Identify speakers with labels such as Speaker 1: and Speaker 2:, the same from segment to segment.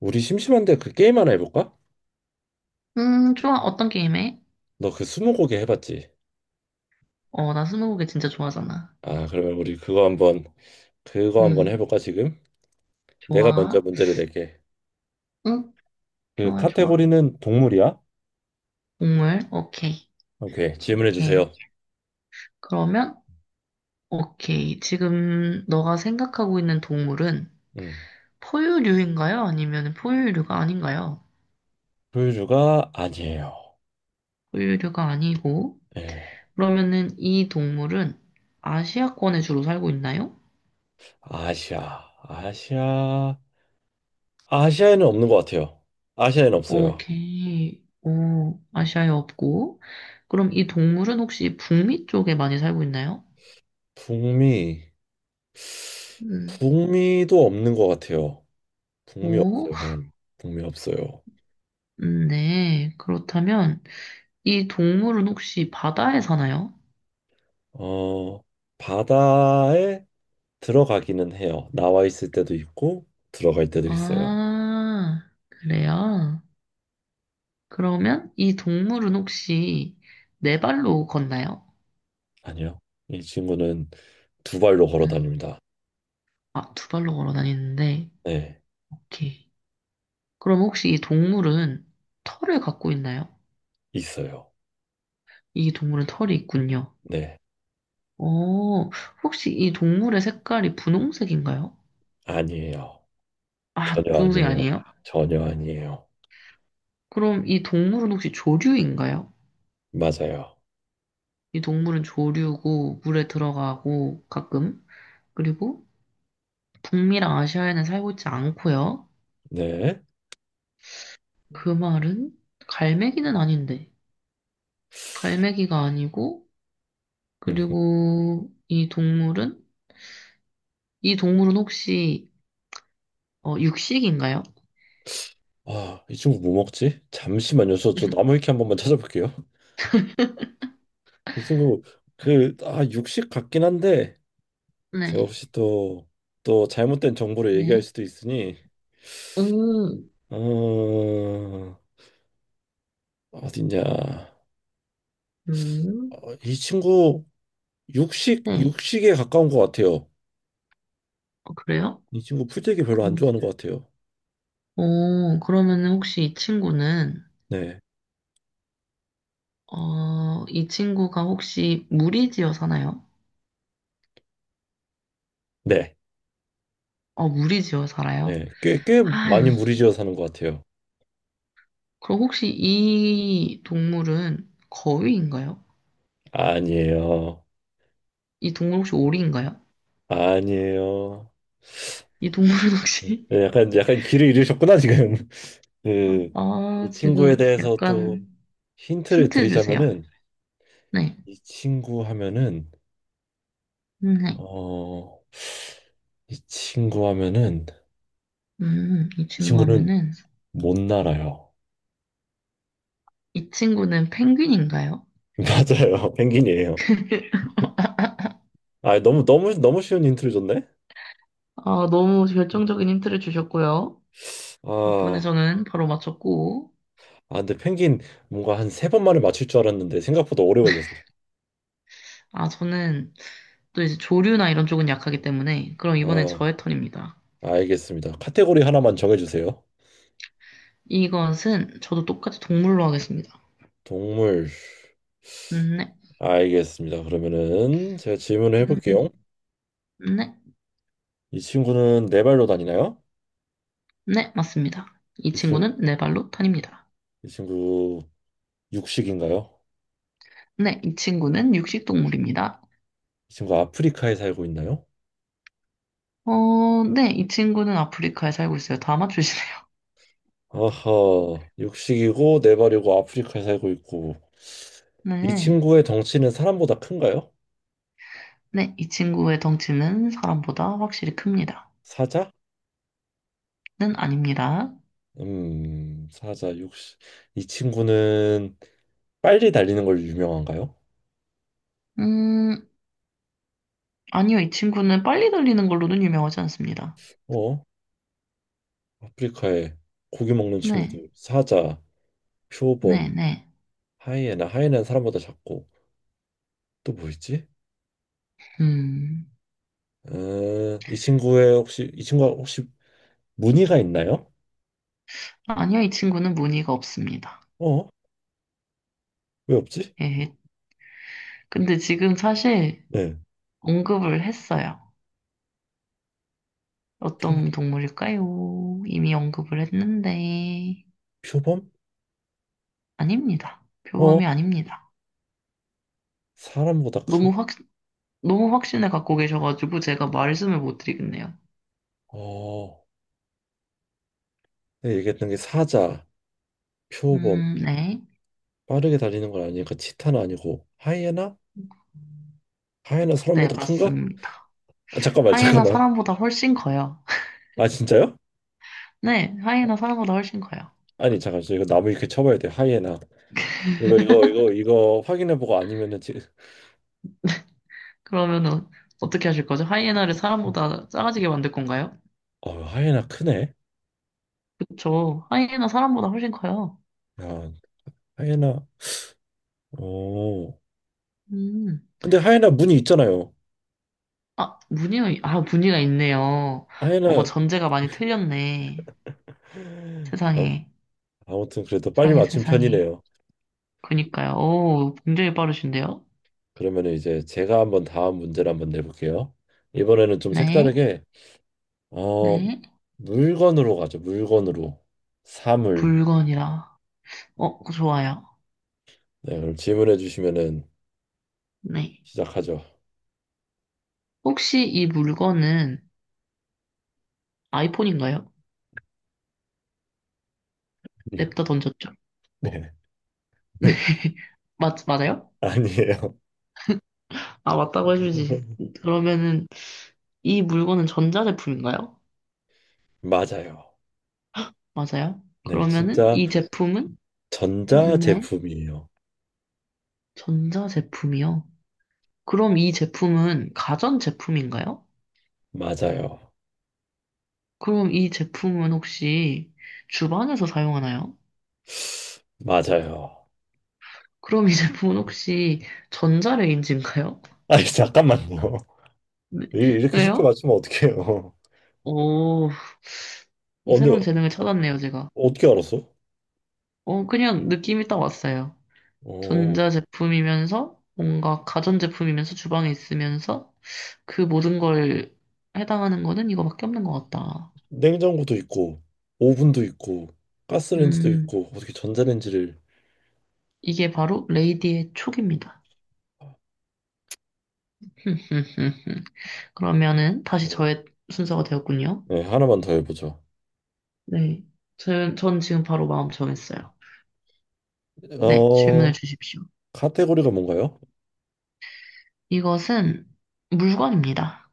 Speaker 1: 우리 심심한데 그 게임 하나 해볼까?
Speaker 2: 좋아. 어떤 게임 해?
Speaker 1: 너 그 스무고개 해봤지?
Speaker 2: 나 스무고개 진짜 좋아하잖아.
Speaker 1: 아, 그러면 우리 그거 한번
Speaker 2: 음,
Speaker 1: 해볼까 지금? 내가 먼저
Speaker 2: 좋아.
Speaker 1: 문제를 낼게.
Speaker 2: 응,
Speaker 1: 그
Speaker 2: 좋아, 좋아.
Speaker 1: 카테고리는 동물이야?
Speaker 2: 동물, 오케이.
Speaker 1: 오케이, 질문해
Speaker 2: 오케이.
Speaker 1: 주세요.
Speaker 2: 그러면, 오케이. 지금 너가 생각하고 있는 동물은
Speaker 1: 음,
Speaker 2: 포유류인가요? 아니면 포유류가 아닌가요?
Speaker 1: 포유류가 아니에요.
Speaker 2: 포유류가 아니고,
Speaker 1: 예,
Speaker 2: 그러면은 이 동물은 아시아권에 주로 살고 있나요?
Speaker 1: 아시아, 아시아, 아시아에는 없는 것 같아요. 아시아에는 없어요.
Speaker 2: 오케이. 오, 아시아에 없고. 그럼 이 동물은 혹시 북미 쪽에 많이 살고 있나요?
Speaker 1: 북미,
Speaker 2: 음.
Speaker 1: 북미도 없는 것 같아요. 북미
Speaker 2: 오,
Speaker 1: 없어요. 북미 없어요.
Speaker 2: 네. 그렇다면 이 동물은 혹시 바다에 사나요?
Speaker 1: 어, 바다에 들어가기는 해요. 나와 있을 때도 있고 들어갈 때도 있어요.
Speaker 2: 아, 그래요? 그러면 이 동물은 혹시 네 발로 걷나요?
Speaker 1: 아니요. 이 친구는 두 발로 걸어
Speaker 2: 응.
Speaker 1: 다닙니다.
Speaker 2: 아, 두 발로 걸어 다니는데.
Speaker 1: 네,
Speaker 2: 오케이. 그럼 혹시 이 동물은 털을 갖고 있나요?
Speaker 1: 있어요.
Speaker 2: 이 동물은 털이 있군요.
Speaker 1: 네,
Speaker 2: 어, 혹시 이 동물의 색깔이 분홍색인가요?
Speaker 1: 아니에요.
Speaker 2: 아,
Speaker 1: 전혀
Speaker 2: 분홍색이
Speaker 1: 아니에요.
Speaker 2: 아니에요?
Speaker 1: 전혀 아니에요.
Speaker 2: 그럼 이 동물은 혹시 조류인가요?
Speaker 1: 맞아요.
Speaker 2: 이 동물은 조류고 물에 들어가고 가끔 그리고 북미랑 아시아에는 살고 있지 않고요.
Speaker 1: 네.
Speaker 2: 그 말은 갈매기는 아닌데 갈매기가 아니고
Speaker 1: 음.
Speaker 2: 그리고 이 동물은 이 동물은 혹시 육식인가요?
Speaker 1: 아, 이 친구 뭐 먹지? 잠시만요. 저 나무 위키 한 번만 찾아볼게요. 이 친구 그, 아, 육식 같긴 한데 제가
Speaker 2: 네,
Speaker 1: 혹시 또 잘못된 정보를 얘기할
Speaker 2: 네.
Speaker 1: 수도 있으니
Speaker 2: 오,
Speaker 1: 어, 어딨냐?
Speaker 2: 음,
Speaker 1: 이 친구 육식
Speaker 2: 네.
Speaker 1: 육식에 가까운 것 같아요.
Speaker 2: 어, 그래요?
Speaker 1: 이 친구 풀떼기 별로 안
Speaker 2: 그럼,
Speaker 1: 좋아하는 것 같아요.
Speaker 2: 어, 그러면 혹시 이 친구는,
Speaker 1: 네,
Speaker 2: 어, 이 친구가 혹시 무리지어 사나요?
Speaker 1: 네,
Speaker 2: 어, 무리지어 살아요?
Speaker 1: 네, 꽤
Speaker 2: 아, 이거
Speaker 1: 많이 무리지어 사는 것 같아요.
Speaker 2: 그럼 혹시 이 동물은 거위인가요?
Speaker 1: 아니에요,
Speaker 2: 이 동물 혹시 오리인가요?
Speaker 1: 아니에요.
Speaker 2: 이 동물은 혹시
Speaker 1: 네, 약간 길을 잃으셨구나 지금.
Speaker 2: 아,
Speaker 1: 그
Speaker 2: 아,
Speaker 1: 이 친구에
Speaker 2: 지금
Speaker 1: 대해서 또
Speaker 2: 약간
Speaker 1: 힌트를
Speaker 2: 힌트 주세요.
Speaker 1: 드리자면은
Speaker 2: 네,
Speaker 1: 이 친구 하면은
Speaker 2: 네,
Speaker 1: 어 이 친구 하면은
Speaker 2: 이
Speaker 1: 이
Speaker 2: 친구
Speaker 1: 친구는
Speaker 2: 하면은
Speaker 1: 못 날아요.
Speaker 2: 이 친구는 펭귄인가요?
Speaker 1: 맞아요, 펭귄이에요. 아, 너무 너무 너무 쉬운 힌트를 줬네.
Speaker 2: 아, 너무 결정적인 힌트를 주셨고요. 덕분에
Speaker 1: 아,
Speaker 2: 저는 바로 맞췄고,
Speaker 1: 근데 펭귄 뭔가 한 세 번만에 맞출 줄 알았는데 생각보다 오래 걸렸어.
Speaker 2: 아, 저는 또 이제 조류나 이런 쪽은 약하기 때문에, 그럼 이번엔
Speaker 1: 아,
Speaker 2: 저의 턴입니다.
Speaker 1: 알겠습니다. 카테고리 하나만 정해주세요.
Speaker 2: 이것은 저도 똑같이 동물로 하겠습니다.
Speaker 1: 동물.
Speaker 2: 네.
Speaker 1: 알겠습니다. 그러면은 제가 질문을
Speaker 2: 음,
Speaker 1: 해볼게요.
Speaker 2: 네.
Speaker 1: 이 친구는 네 발로 다니나요?
Speaker 2: 네, 맞습니다. 이
Speaker 1: 이 친구,
Speaker 2: 친구는 네 발로 탄입니다.
Speaker 1: 이 친구 육식인가요?
Speaker 2: 네, 이 친구는 육식동물입니다.
Speaker 1: 이 친구 아프리카에 살고 있나요?
Speaker 2: 어, 네, 이 친구는 아프리카에 살고 있어요. 다 맞추시네요.
Speaker 1: 아하, 육식이고 네 발이고 아프리카에 살고 있고 이
Speaker 2: 네.
Speaker 1: 친구의 덩치는 사람보다 큰가요?
Speaker 2: 네, 이 친구의 덩치는 사람보다 확실히 큽니다.
Speaker 1: 사자?
Speaker 2: 는 아닙니다.
Speaker 1: 사자 육시이 친구는 빨리 달리는 걸 유명한가요?
Speaker 2: 음, 아니요, 이 친구는 빨리 달리는 걸로는 유명하지 않습니다.
Speaker 1: 어, 아프리카에 고기 먹는
Speaker 2: 네,
Speaker 1: 친구들 사자,
Speaker 2: 네,
Speaker 1: 표범,
Speaker 2: 네.
Speaker 1: 하이에나 하이에나는 사람보다 작고 또 뭐 있지?
Speaker 2: 음,
Speaker 1: 이 친구가 혹시 무늬가 있나요?
Speaker 2: 아니요, 이 친구는 무늬가 없습니다.
Speaker 1: 어, 왜 없지?
Speaker 2: 예, 근데 지금 사실
Speaker 1: 네,
Speaker 2: 언급을 했어요.
Speaker 1: 표,
Speaker 2: 어떤 동물일까요? 이미 언급을 했는데,
Speaker 1: 표범?
Speaker 2: 아닙니다.
Speaker 1: 어,
Speaker 2: 표범이 아닙니다.
Speaker 1: 사람보다 크.
Speaker 2: 너무 확, 너무 확신을 갖고 계셔가지고 제가 말씀을 못 드리겠네요.
Speaker 1: 어, 내가 얘기했던 게 사자, 표범,
Speaker 2: 네.
Speaker 1: 빠르게 달리는 건 아니니까 치타는 아니고 하이에나? 하이에나
Speaker 2: 네,
Speaker 1: 사람보다 큰가?
Speaker 2: 맞습니다.
Speaker 1: 아, 잠깐만
Speaker 2: 하이에나
Speaker 1: 잠깐만.
Speaker 2: 사람보다 훨씬 커요.
Speaker 1: 아 진짜요?
Speaker 2: 네, 하이에나 사람보다 훨씬 커요.
Speaker 1: 아니 잠깐 저 이거 나무 이렇게 쳐봐야 돼 하이에나 이거 확인해보고 아니면은 지금.
Speaker 2: 그러면은 어떻게 하실 거죠? 하이에나를 사람보다 작아지게 만들 건가요?
Speaker 1: 하이에나 크네.
Speaker 2: 그쵸. 하이에나 사람보다 훨씬 커요.
Speaker 1: 야 하이에나 어
Speaker 2: 음.
Speaker 1: 근데 하이에나 문이 있잖아요.
Speaker 2: 아, 무늬가, 아, 무늬가 있네요. 어머,
Speaker 1: 하이에나.
Speaker 2: 전제가 많이 틀렸네.
Speaker 1: 아,
Speaker 2: 세상에.
Speaker 1: 아무튼 그래도 빨리
Speaker 2: 세상에,
Speaker 1: 맞춘
Speaker 2: 세상에.
Speaker 1: 편이네요.
Speaker 2: 그니까요. 오, 굉장히 빠르신데요?
Speaker 1: 그러면 이제 제가 한번 다음 문제를 한번 내볼게요. 이번에는 좀
Speaker 2: 네,
Speaker 1: 색다르게 어
Speaker 2: 네.
Speaker 1: 물건으로 가죠. 물건으로 사물.
Speaker 2: 물건이라. 어, 좋아요.
Speaker 1: 네, 그럼 질문해 주시면은
Speaker 2: 네.
Speaker 1: 시작하죠.
Speaker 2: 혹시 이 물건은 아이폰인가요? 냅다 던졌죠?
Speaker 1: 네.
Speaker 2: 맞아요?
Speaker 1: 아니에요.
Speaker 2: 아, 맞다고 해주지. 그러면은, 이 물건은 전자제품인가요?
Speaker 1: 맞아요.
Speaker 2: 맞아요?
Speaker 1: 네,
Speaker 2: 그러면은,
Speaker 1: 진짜
Speaker 2: 이 제품은?
Speaker 1: 전자
Speaker 2: 네.
Speaker 1: 제품이에요.
Speaker 2: 전자제품이요. 그럼 이 제품은 가전제품인가요?
Speaker 1: 맞아요.
Speaker 2: 그럼 이 제품은 혹시 주방에서 사용하나요?
Speaker 1: 맞아요.
Speaker 2: 그럼 이 제품은 혹시 전자레인지인가요?
Speaker 1: 아니, 잠깐만요.
Speaker 2: 네.
Speaker 1: 이렇게 쉽게
Speaker 2: 왜요?
Speaker 1: 맞추면 어떡해요.
Speaker 2: 오,
Speaker 1: 근데
Speaker 2: 새로운 재능을 찾았네요, 제가.
Speaker 1: 어떻게 알았어?
Speaker 2: 그냥 느낌이 딱 왔어요.
Speaker 1: 어,
Speaker 2: 전자 제품이면서 뭔가 가전 제품이면서 주방에 있으면서 그 모든 걸 해당하는 거는 이거밖에 없는 것 같다.
Speaker 1: 냉장고도 있고, 오븐도 있고, 가스레인지도
Speaker 2: 음,
Speaker 1: 있고, 어떻게 전자레인지를.
Speaker 2: 이게 바로 레이디의 촉입니다. 그러면은 다시
Speaker 1: 네,
Speaker 2: 저의 순서가 되었군요.
Speaker 1: 네, 하나만 더 해보죠.
Speaker 2: 네. 전 지금 바로 마음 정했어요. 네,
Speaker 1: 어,
Speaker 2: 질문을 주십시오.
Speaker 1: 카테고리가 뭔가요?
Speaker 2: 이것은 물건입니다.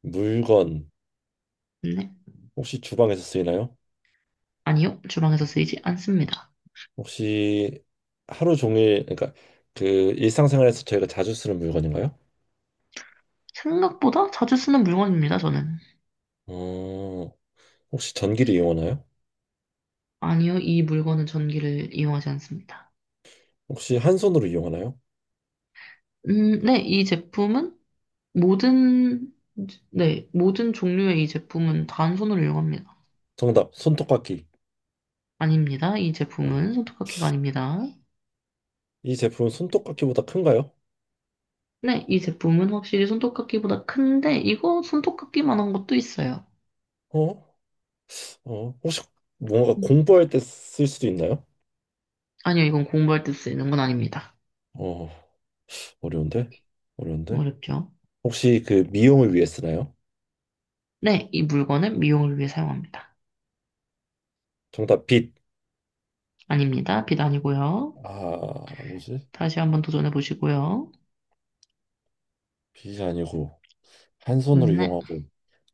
Speaker 1: 물건,
Speaker 2: 네.
Speaker 1: 혹시 주방에서 쓰이나요?
Speaker 2: 아니요. 주방에서 쓰이지 않습니다.
Speaker 1: 혹시 하루 종일 그러니까 그 일상생활에서 저희가 자주 쓰는 물건인가요?
Speaker 2: 생각보다 자주 쓰는 물건입니다, 저는.
Speaker 1: 어, 혹시 전기를 이용하나요?
Speaker 2: 아니요. 이 물건은 전기를 이용하지 않습니다.
Speaker 1: 혹시 한 손으로 이용하나요?
Speaker 2: 네. 이 제품은 모든, 네. 모든 종류의 이 제품은 단손으로 이용합니다.
Speaker 1: 정답, 손톱깎이.
Speaker 2: 아닙니다. 이
Speaker 1: 아,
Speaker 2: 제품은 손톱깎이가 아닙니다.
Speaker 1: 이 제품은 손톱깎이보다 큰가요?
Speaker 2: 네. 이 제품은 확실히 손톱깎이보다 큰데, 이거 손톱깎이만한 것도 있어요.
Speaker 1: 어? 혹시 뭔가
Speaker 2: 음,
Speaker 1: 공부할 때 쓸 수도 있나요?
Speaker 2: 아니요. 이건 공부할 때 쓰이는 건 아닙니다.
Speaker 1: 어, 어려운데? 어려운데?
Speaker 2: 어렵죠.
Speaker 1: 혹시 그 미용을 위해 쓰나요?
Speaker 2: 네, 이 물건은 미용을 위해 사용합니다.
Speaker 1: 정답, 빗.
Speaker 2: 아닙니다. 빛 아니고요.
Speaker 1: 아, 뭐지?
Speaker 2: 다시 한번 도전해 보시고요.
Speaker 1: 빗이 아니고 한 손으로
Speaker 2: 네,
Speaker 1: 이용하고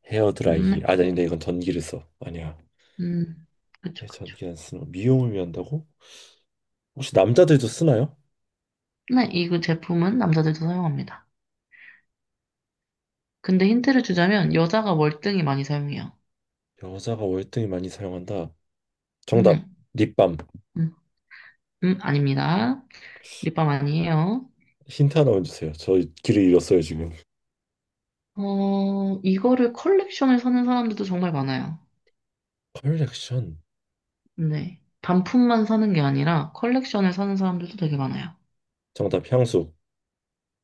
Speaker 1: 헤어 드라이기.
Speaker 2: 네,
Speaker 1: 아, 아닌데 이건 전기를 써. 아니야.
Speaker 2: 음,
Speaker 1: 네,
Speaker 2: 그쵸, 그쵸.
Speaker 1: 전기 안 쓰는 거. 미용을 위한다고? 혹시 남자들도 쓰나요?
Speaker 2: 네, 이 제품은 남자들도 사용합니다. 근데 힌트를 주자면 여자가 월등히 많이 사용해요.
Speaker 1: 여자가 월등히 많이 사용한다. 정답
Speaker 2: 네,
Speaker 1: 립밤.
Speaker 2: 음, 아닙니다. 립밤 아니에요.
Speaker 1: 힌트 하나만 주세요. 저 길을 잃었어요 지금.
Speaker 2: 어, 이거를 컬렉션을 사는 사람들도 정말 많아요.
Speaker 1: 컬렉션.
Speaker 2: 네, 단품만 사는 게 아니라 컬렉션을 사는 사람들도 되게 많아요.
Speaker 1: 정답 향수.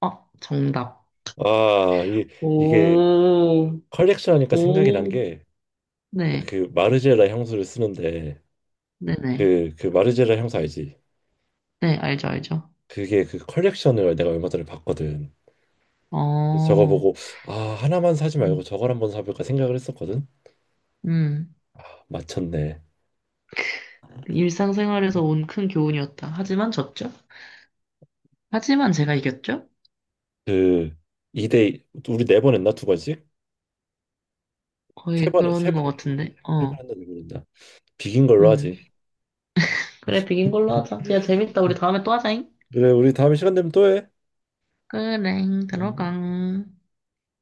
Speaker 2: 어, 정답.
Speaker 1: 아, 이게
Speaker 2: 오,
Speaker 1: 컬렉션 하니까 생각이 난
Speaker 2: 오.
Speaker 1: 게
Speaker 2: 네,
Speaker 1: 그 마르제라 향수를 쓰는데
Speaker 2: 네네.
Speaker 1: 그, 그 마르제라 향수 알지?
Speaker 2: 네, 알죠, 알죠.
Speaker 1: 그게 그 컬렉션을 내가 얼마 전에 봤거든. 그래서 저거
Speaker 2: 어,
Speaker 1: 보고 아 하나만 사지 말고
Speaker 2: 음,
Speaker 1: 저걸 한번 사볼까 생각을 했었거든.
Speaker 2: 음.
Speaker 1: 아, 맞췄네.
Speaker 2: 일상생활에서 온 큰 교훈이었다. 하지만 졌죠? 하지만 제가 이겼죠?
Speaker 1: 그 2대 우리 네 번 했나 두 번씩? 세
Speaker 2: 거의
Speaker 1: 번, 세
Speaker 2: 그런 것
Speaker 1: 번 했지.
Speaker 2: 같은데,
Speaker 1: 세 번
Speaker 2: 어,
Speaker 1: 했나 네 번 했나? 비긴 걸로
Speaker 2: 음.
Speaker 1: 하지.
Speaker 2: 그래, 비긴 걸로 하자. 야, 재밌다. 우리 다음에 또 하자잉.
Speaker 1: 그래, 우리 다음 시간 되면 또 해.
Speaker 2: 그래, 들어가.
Speaker 1: 응.